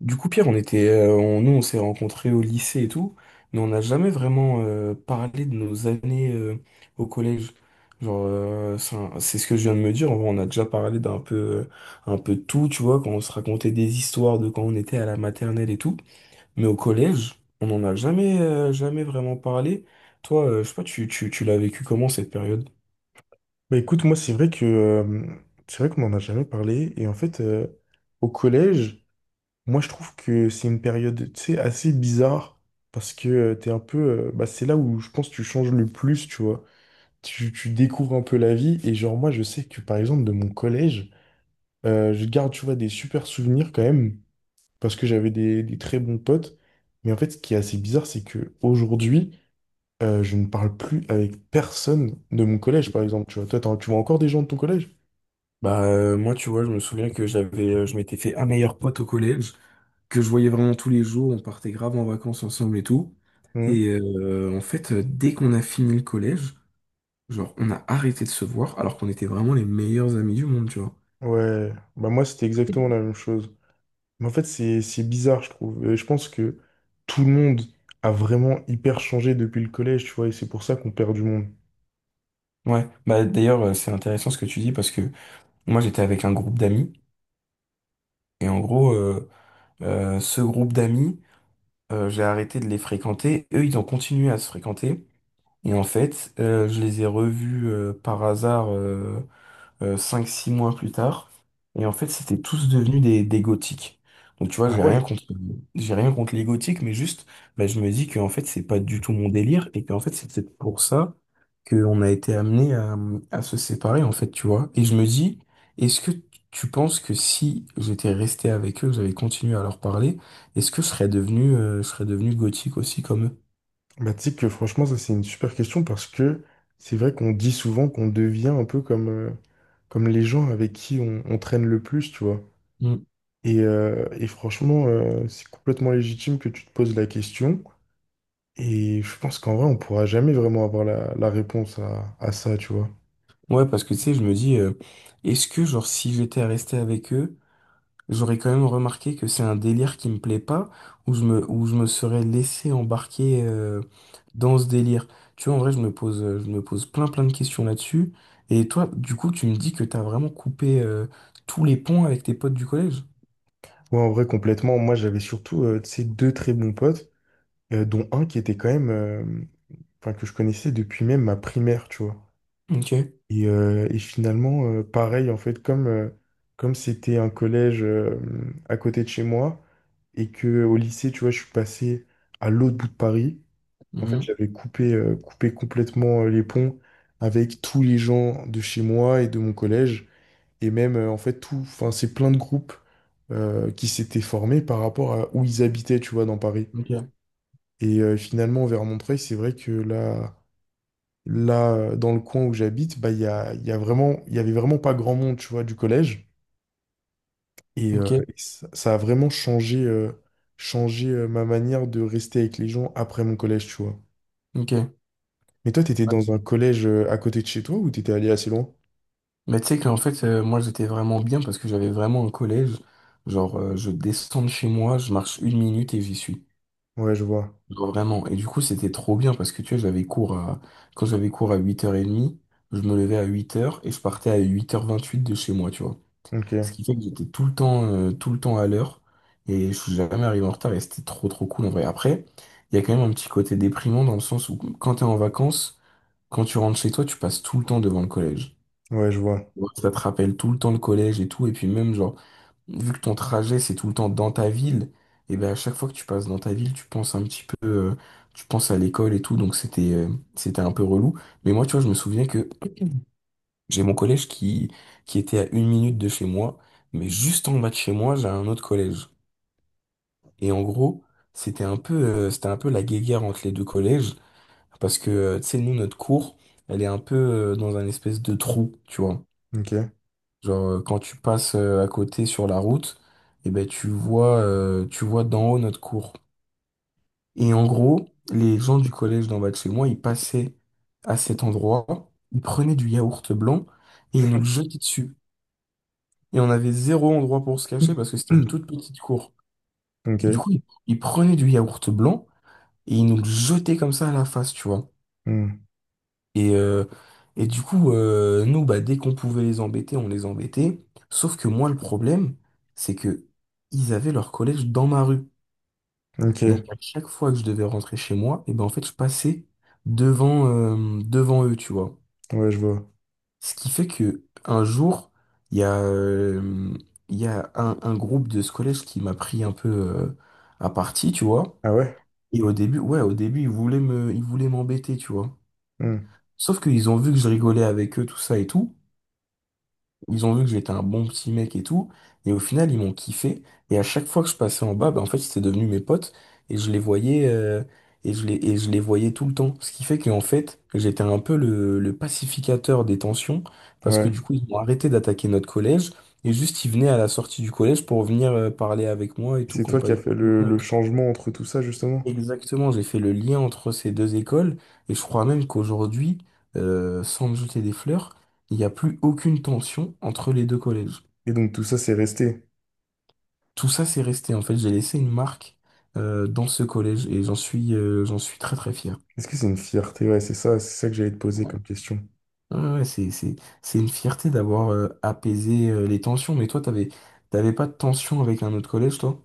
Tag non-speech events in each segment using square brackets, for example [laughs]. Du coup, Pierre, on était, nous, on s'est rencontrés au lycée et tout, mais on n'a jamais vraiment parlé de nos années au collège. Genre, c'est ce que je viens de me dire. En vrai, on a déjà parlé un peu de tout, tu vois, quand on se racontait des histoires de quand on était à la maternelle et tout. Mais au collège, on n'en a jamais vraiment parlé. Toi, je sais pas, tu l'as vécu comment cette période? Écoute, moi c'est vrai que c'est vrai qu'on n'en a jamais parlé. Et en fait, au collège, moi je trouve que c'est une période, tu sais, assez bizarre parce que t'es un peu, bah c'est là où je pense que tu changes le plus, tu vois. Tu découvres un peu la vie. Et genre moi je sais que par exemple de mon collège, je garde, tu vois, des super souvenirs quand même parce que j'avais des très bons potes. Mais en fait, ce qui est assez bizarre, c'est que aujourd'hui, je ne parle plus avec personne de mon collège, par exemple. Tu vois, toi, tu vois encore des gens de ton collège? Bah, moi, tu vois, je me souviens que je m'étais fait un meilleur pote au collège que je voyais vraiment tous les jours. On partait grave en vacances ensemble et tout. Mmh. Et en fait, dès qu'on a fini le collège, genre, on a arrêté de se voir alors qu'on était vraiment les meilleurs amis du monde, tu vois. Ouais, bah moi c'était exactement la même chose. Mais en fait c'est bizarre je trouve. Et je pense que tout le monde a vraiment hyper changé depuis le collège, tu vois, et c'est pour ça qu'on perd du monde. Ouais, bah d'ailleurs c'est intéressant ce que tu dis, parce que moi j'étais avec un groupe d'amis et en gros ce groupe d'amis j'ai arrêté de les fréquenter, eux ils ont continué à se fréquenter, et en fait je les ai revus par hasard, cinq six mois plus tard. Et en fait, c'était tous devenus des gothiques. Donc tu vois, Ah ouais? J'ai rien contre les gothiques, mais juste, bah, je me dis qu'en fait, c'est pas du tout mon délire, et qu'en fait, c'est peut-être pour ça qu'on a été amené à se séparer, en fait, tu vois. Et je me dis, est-ce que tu penses que si j'étais resté avec eux, j'avais continué à leur parler, est-ce que je serais devenu gothique aussi comme eux? Bah tu sais que franchement ça c'est une super question parce que c'est vrai qu'on dit souvent qu'on devient un peu comme, comme les gens avec qui on traîne le plus, tu vois. Mm. Et franchement c'est complètement légitime que tu te poses la question. Et je pense qu'en vrai on pourra jamais vraiment avoir la réponse à ça, tu vois. Ouais, parce que tu sais, je me dis, est-ce que genre si j'étais resté avec eux, j'aurais quand même remarqué que c'est un délire qui me plaît pas, où je me serais laissé embarquer dans ce délire. Tu vois, en vrai, je me pose plein plein de questions là-dessus. Et toi, du coup, tu me dis que t'as vraiment coupé tous les ponts avec tes potes du collège? Ouais, en vrai, complètement. Moi, j'avais surtout tu sais, deux très bons potes, dont un qui était quand même, enfin, que je connaissais depuis même ma primaire, tu vois. Ok. Et finalement, pareil, en fait, comme c'était un collège à côté de chez moi et que au lycée, tu vois, je suis passé à l'autre bout de Paris. En fait, Mhm. j'avais coupé, coupé complètement les ponts avec tous les gens de chez moi et de mon collège. Et même, en fait, enfin, c'est plein de groupes qui s'étaient formés par rapport à où ils habitaient, tu vois, dans Paris. Ok. Et finalement, vers Montreuil, c'est vrai que là, dans le coin où j'habite, bah, il y a vraiment, il y avait vraiment pas grand monde, tu vois, du collège. Et Ok. ça, ça a vraiment changé, ma manière de rester avec les gens après mon collège, tu vois. Ok. Mais toi, t'étais Ouais. dans un collège à côté de chez toi ou t'étais allé assez loin? Mais tu sais qu'en fait, moi, j'étais vraiment bien parce que j'avais vraiment un collège. Genre, je descends de chez moi, je marche une minute et j'y suis. Ouais, je vois. Genre, vraiment. Et du coup, c'était trop bien parce que tu vois, quand j'avais cours à 8h30, je me levais à 8h et je partais à 8h28 de chez moi, tu vois. Ce Ok. qui fait que j'étais tout le temps à l'heure et je suis jamais arrivé en retard et c'était trop, trop cool en vrai. Après, il y a quand même un petit côté déprimant dans le sens où quand t'es en vacances, quand tu rentres chez toi, tu passes tout le temps devant le collège. Ouais, je vois. Ouais, ça te rappelle tout le temps le collège et tout. Et puis même, genre, vu que ton trajet c'est tout le temps dans ta ville, et ben à chaque fois que tu passes dans ta ville, tu penses un petit peu, tu penses à l'école et tout, donc c'était un peu relou. Mais moi, tu vois, je me souviens que j'ai mon collège qui était à une minute de chez moi, mais juste en bas de chez moi, j'ai un autre collège. Et en gros, c'était un peu la guéguerre entre les deux collèges parce que tu sais, nous notre cour, elle est un peu dans un espèce de trou, tu vois. Ok. Genre, quand tu passes à côté sur la route, et ben, tu vois d'en haut notre cour. Et en gros, les gens du collège d'en bas de chez moi, ils passaient à cet endroit, ils prenaient du yaourt blanc et ils nous le jetaient dessus. Et on avait zéro endroit pour se cacher parce que c'était une [clears throat] toute petite cour. Du Ok. coup, ils prenaient du yaourt blanc et ils nous le jetaient comme ça à la face, tu vois. Hmm. Et, euh, et du coup, nous, bah, dès qu'on pouvait les embêter, on les embêtait. Sauf que moi, le problème, c'est que ils avaient leur collège dans ma rue. Donc Ok. à chaque fois que je devais rentrer chez moi, et ben en fait, je passais devant eux, tu vois. Ouais, je vois. Ce qui fait que un jour, il y a, euh, il y a un groupe de ce collège qui m'a pris un peu à partie, tu vois. Ah ouais? Et au début, ouais, au début, ils voulaient m'embêter, tu vois. Hmm. Sauf qu'ils ont vu que je rigolais avec eux, tout ça et tout. Ils ont vu que j'étais un bon petit mec et tout, et au final, ils m'ont kiffé. Et à chaque fois que je passais en bas, ben en fait, c'était devenu mes potes, et je les voyais, euh, et je les voyais tout le temps. Ce qui fait qu'en fait, j'étais un peu le pacificateur des tensions, parce que Ouais. du coup, ils ont arrêté d'attaquer notre collège, et juste, ils venaient à la sortie du collège pour venir, parler avec moi et Et tout, c'est qu'on toi qui passe as du fait bon temps et le tout. changement entre tout ça, justement? Exactement, j'ai fait le lien entre ces deux écoles, et je crois même qu'aujourd'hui, sans me jeter des fleurs, il n'y a plus aucune tension entre les deux collèges. Et donc tout ça, c'est resté. Tout ça, c'est resté. En fait, j'ai laissé une marque dans ce collège et j'en suis très très fier. Est-ce que c'est une fierté? Ouais, c'est ça que j'allais te poser Ouais, comme question. ouais, ouais, ouais, c'est une fierté d'avoir apaisé les tensions. Mais toi, t'avais pas de tension avec un autre collège, toi?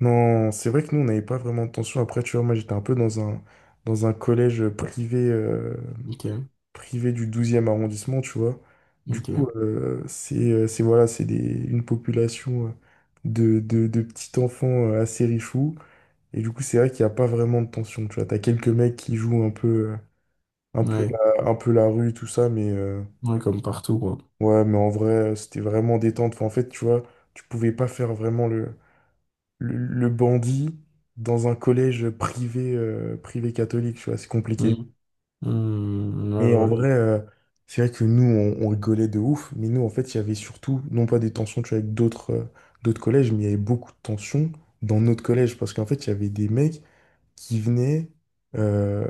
Non, c'est vrai que nous, on n'avait pas vraiment de tension. Après, tu vois, moi, j'étais un peu dans un collège privé. Ok, Privé du douzième arrondissement, tu vois. Du coup, ok. C'est voilà, une population de petits enfants assez richoux. Et du coup, c'est vrai qu'il n'y a pas vraiment de tension, tu vois. T'as quelques mecs qui jouent un peu, un peu Ouais, un peu la rue, tout ça, mais ouais, comme partout, quoi. ouais, mais en vrai, c'était vraiment détente. Enfin, en fait, tu vois, tu pouvais pas faire vraiment le bandit dans un collège privé, privé catholique, tu vois, c'est compliqué. Hmm. Hmm, Et en ouais, vrai, c'est vrai que nous, on rigolait de ouf, mais nous, en fait, il y avait surtout, non pas des tensions tu vois, avec d'autres collèges, mais il y avait beaucoup de tensions dans notre collège, parce qu'en fait, il y avait des mecs qui venaient, euh,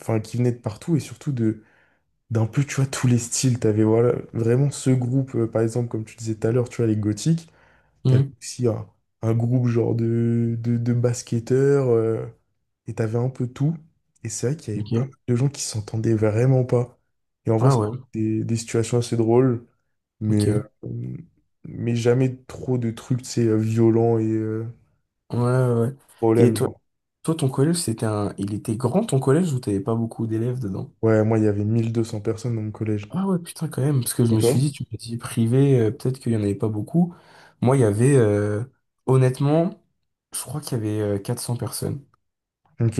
enfin, qui venaient de partout, et surtout de d'un peu, tu vois, tous les styles. T'avais voilà, vraiment ce groupe, par exemple, comme tu disais tout à l'heure, tu vois, les gothiques, t'avais ouais. aussi un groupe genre de basketteurs, et t'avais un peu tout. Et c'est vrai qu'il y Hmm, avait pas mal ok. de gens qui s'entendaient vraiment pas. Et en vrai, Ah ça fait ouais, des situations assez drôles, mais, ok. euh, Ouais, mais jamais trop de trucs, tu sais, violents et ouais. Ouais. Et problèmes, toi, genre. toi, ton collège, il était grand ton collège ou t'avais pas beaucoup d'élèves dedans? Ouais, moi, il y avait 1 200 personnes dans mon collège. Ah ouais, putain, quand même, parce que je Et me toi? suis dit, tu me dis privé, peut-être qu'il n'y en avait pas beaucoup. Moi, il y avait, honnêtement, je crois qu'il y avait 400 personnes. Ok.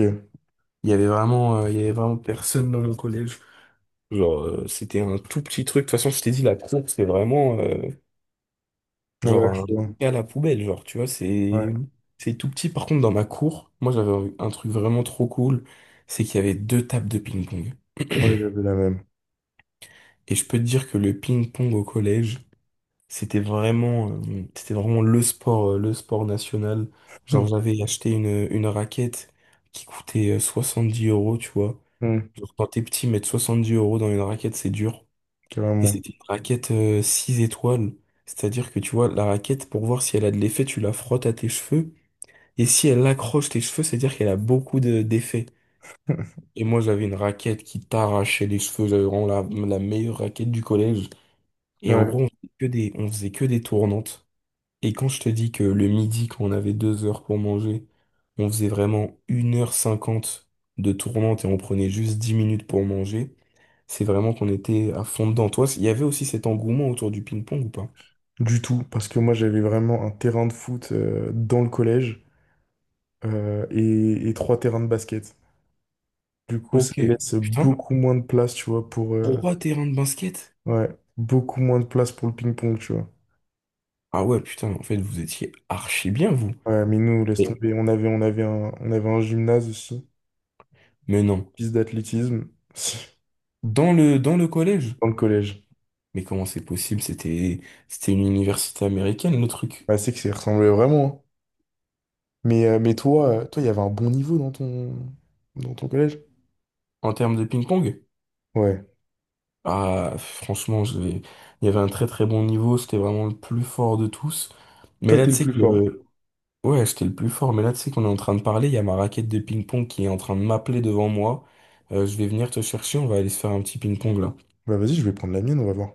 Il y avait vraiment personne dans mon collège. Genre, c'était un tout petit truc. De toute façon, je t'ai dit, la cour, c'est vraiment, genre, Ouais, un je lit vois. à la poubelle, genre, tu vois, Ouais, c'est tout petit. Par contre, dans ma cour, moi, j'avais un truc vraiment trop cool, c'est qu'il y avait deux tables de ping-pong. ouais, j'avais la même. Et je peux te dire que le ping-pong au collège, c'était vraiment le sport national. Genre, Hum, j'avais acheté une raquette qui coûtait 10 euros, tu vois. hum, Genre, quand t'es petit, mettre 70 euros dans une raquette, c'est dur. Et Carrément. c'était une raquette 6 étoiles. C'est-à-dire que, tu vois, la raquette, pour voir si elle a de l'effet, tu la frottes à tes cheveux. Et si elle accroche tes cheveux, c'est-à-dire qu'elle a beaucoup d'effet. [laughs] Et moi, j'avais une raquette qui t'arrachait les cheveux. J'avais vraiment la meilleure raquette du collège. Et en Ouais, gros, on faisait que des tournantes. Et quand je te dis que le midi, quand on avait 2 heures pour manger, on faisait vraiment 1h50 de tournante et on prenait juste 10 minutes pour manger, c'est vraiment qu'on était à fond dedans. Toi, il y avait aussi cet engouement autour du ping-pong ou pas? du tout, parce que moi j'avais vraiment un terrain de foot dans le collège et trois terrains de basket. Du coup, Ok, ça laisse putain, beaucoup moins de place, tu vois, pour... trois terrains de basket? ouais, beaucoup moins de place pour le ping-pong, tu vois. Ah ouais, putain, en fait, vous étiez archi bien, vous. Ouais, mais nous, laisse Mais, tomber. On avait on avait un gymnase aussi, mais non. piste d'athlétisme, [laughs] Dans le collège? dans le collège. Mais comment c'est possible? C'était une université américaine, le truc. Bah, c'est que ça y ressemblait vraiment. Hein. Mais toi, toi, il y avait un bon niveau dans dans ton collège? En termes de ping-pong? Ouais. Ah, franchement, il y avait un très très bon niveau, c'était vraiment le plus fort de tous. Mais Toi, là, t'es tu le sais plus fort. que... Ouais, j'étais le plus fort, mais là, tu sais qu'on est en train de parler, il y a ma raquette de ping-pong qui est en train de m'appeler devant moi. Je vais venir te chercher, on va aller se faire un petit ping-pong là. Bah, vas-y, je vais prendre la mienne, on va voir.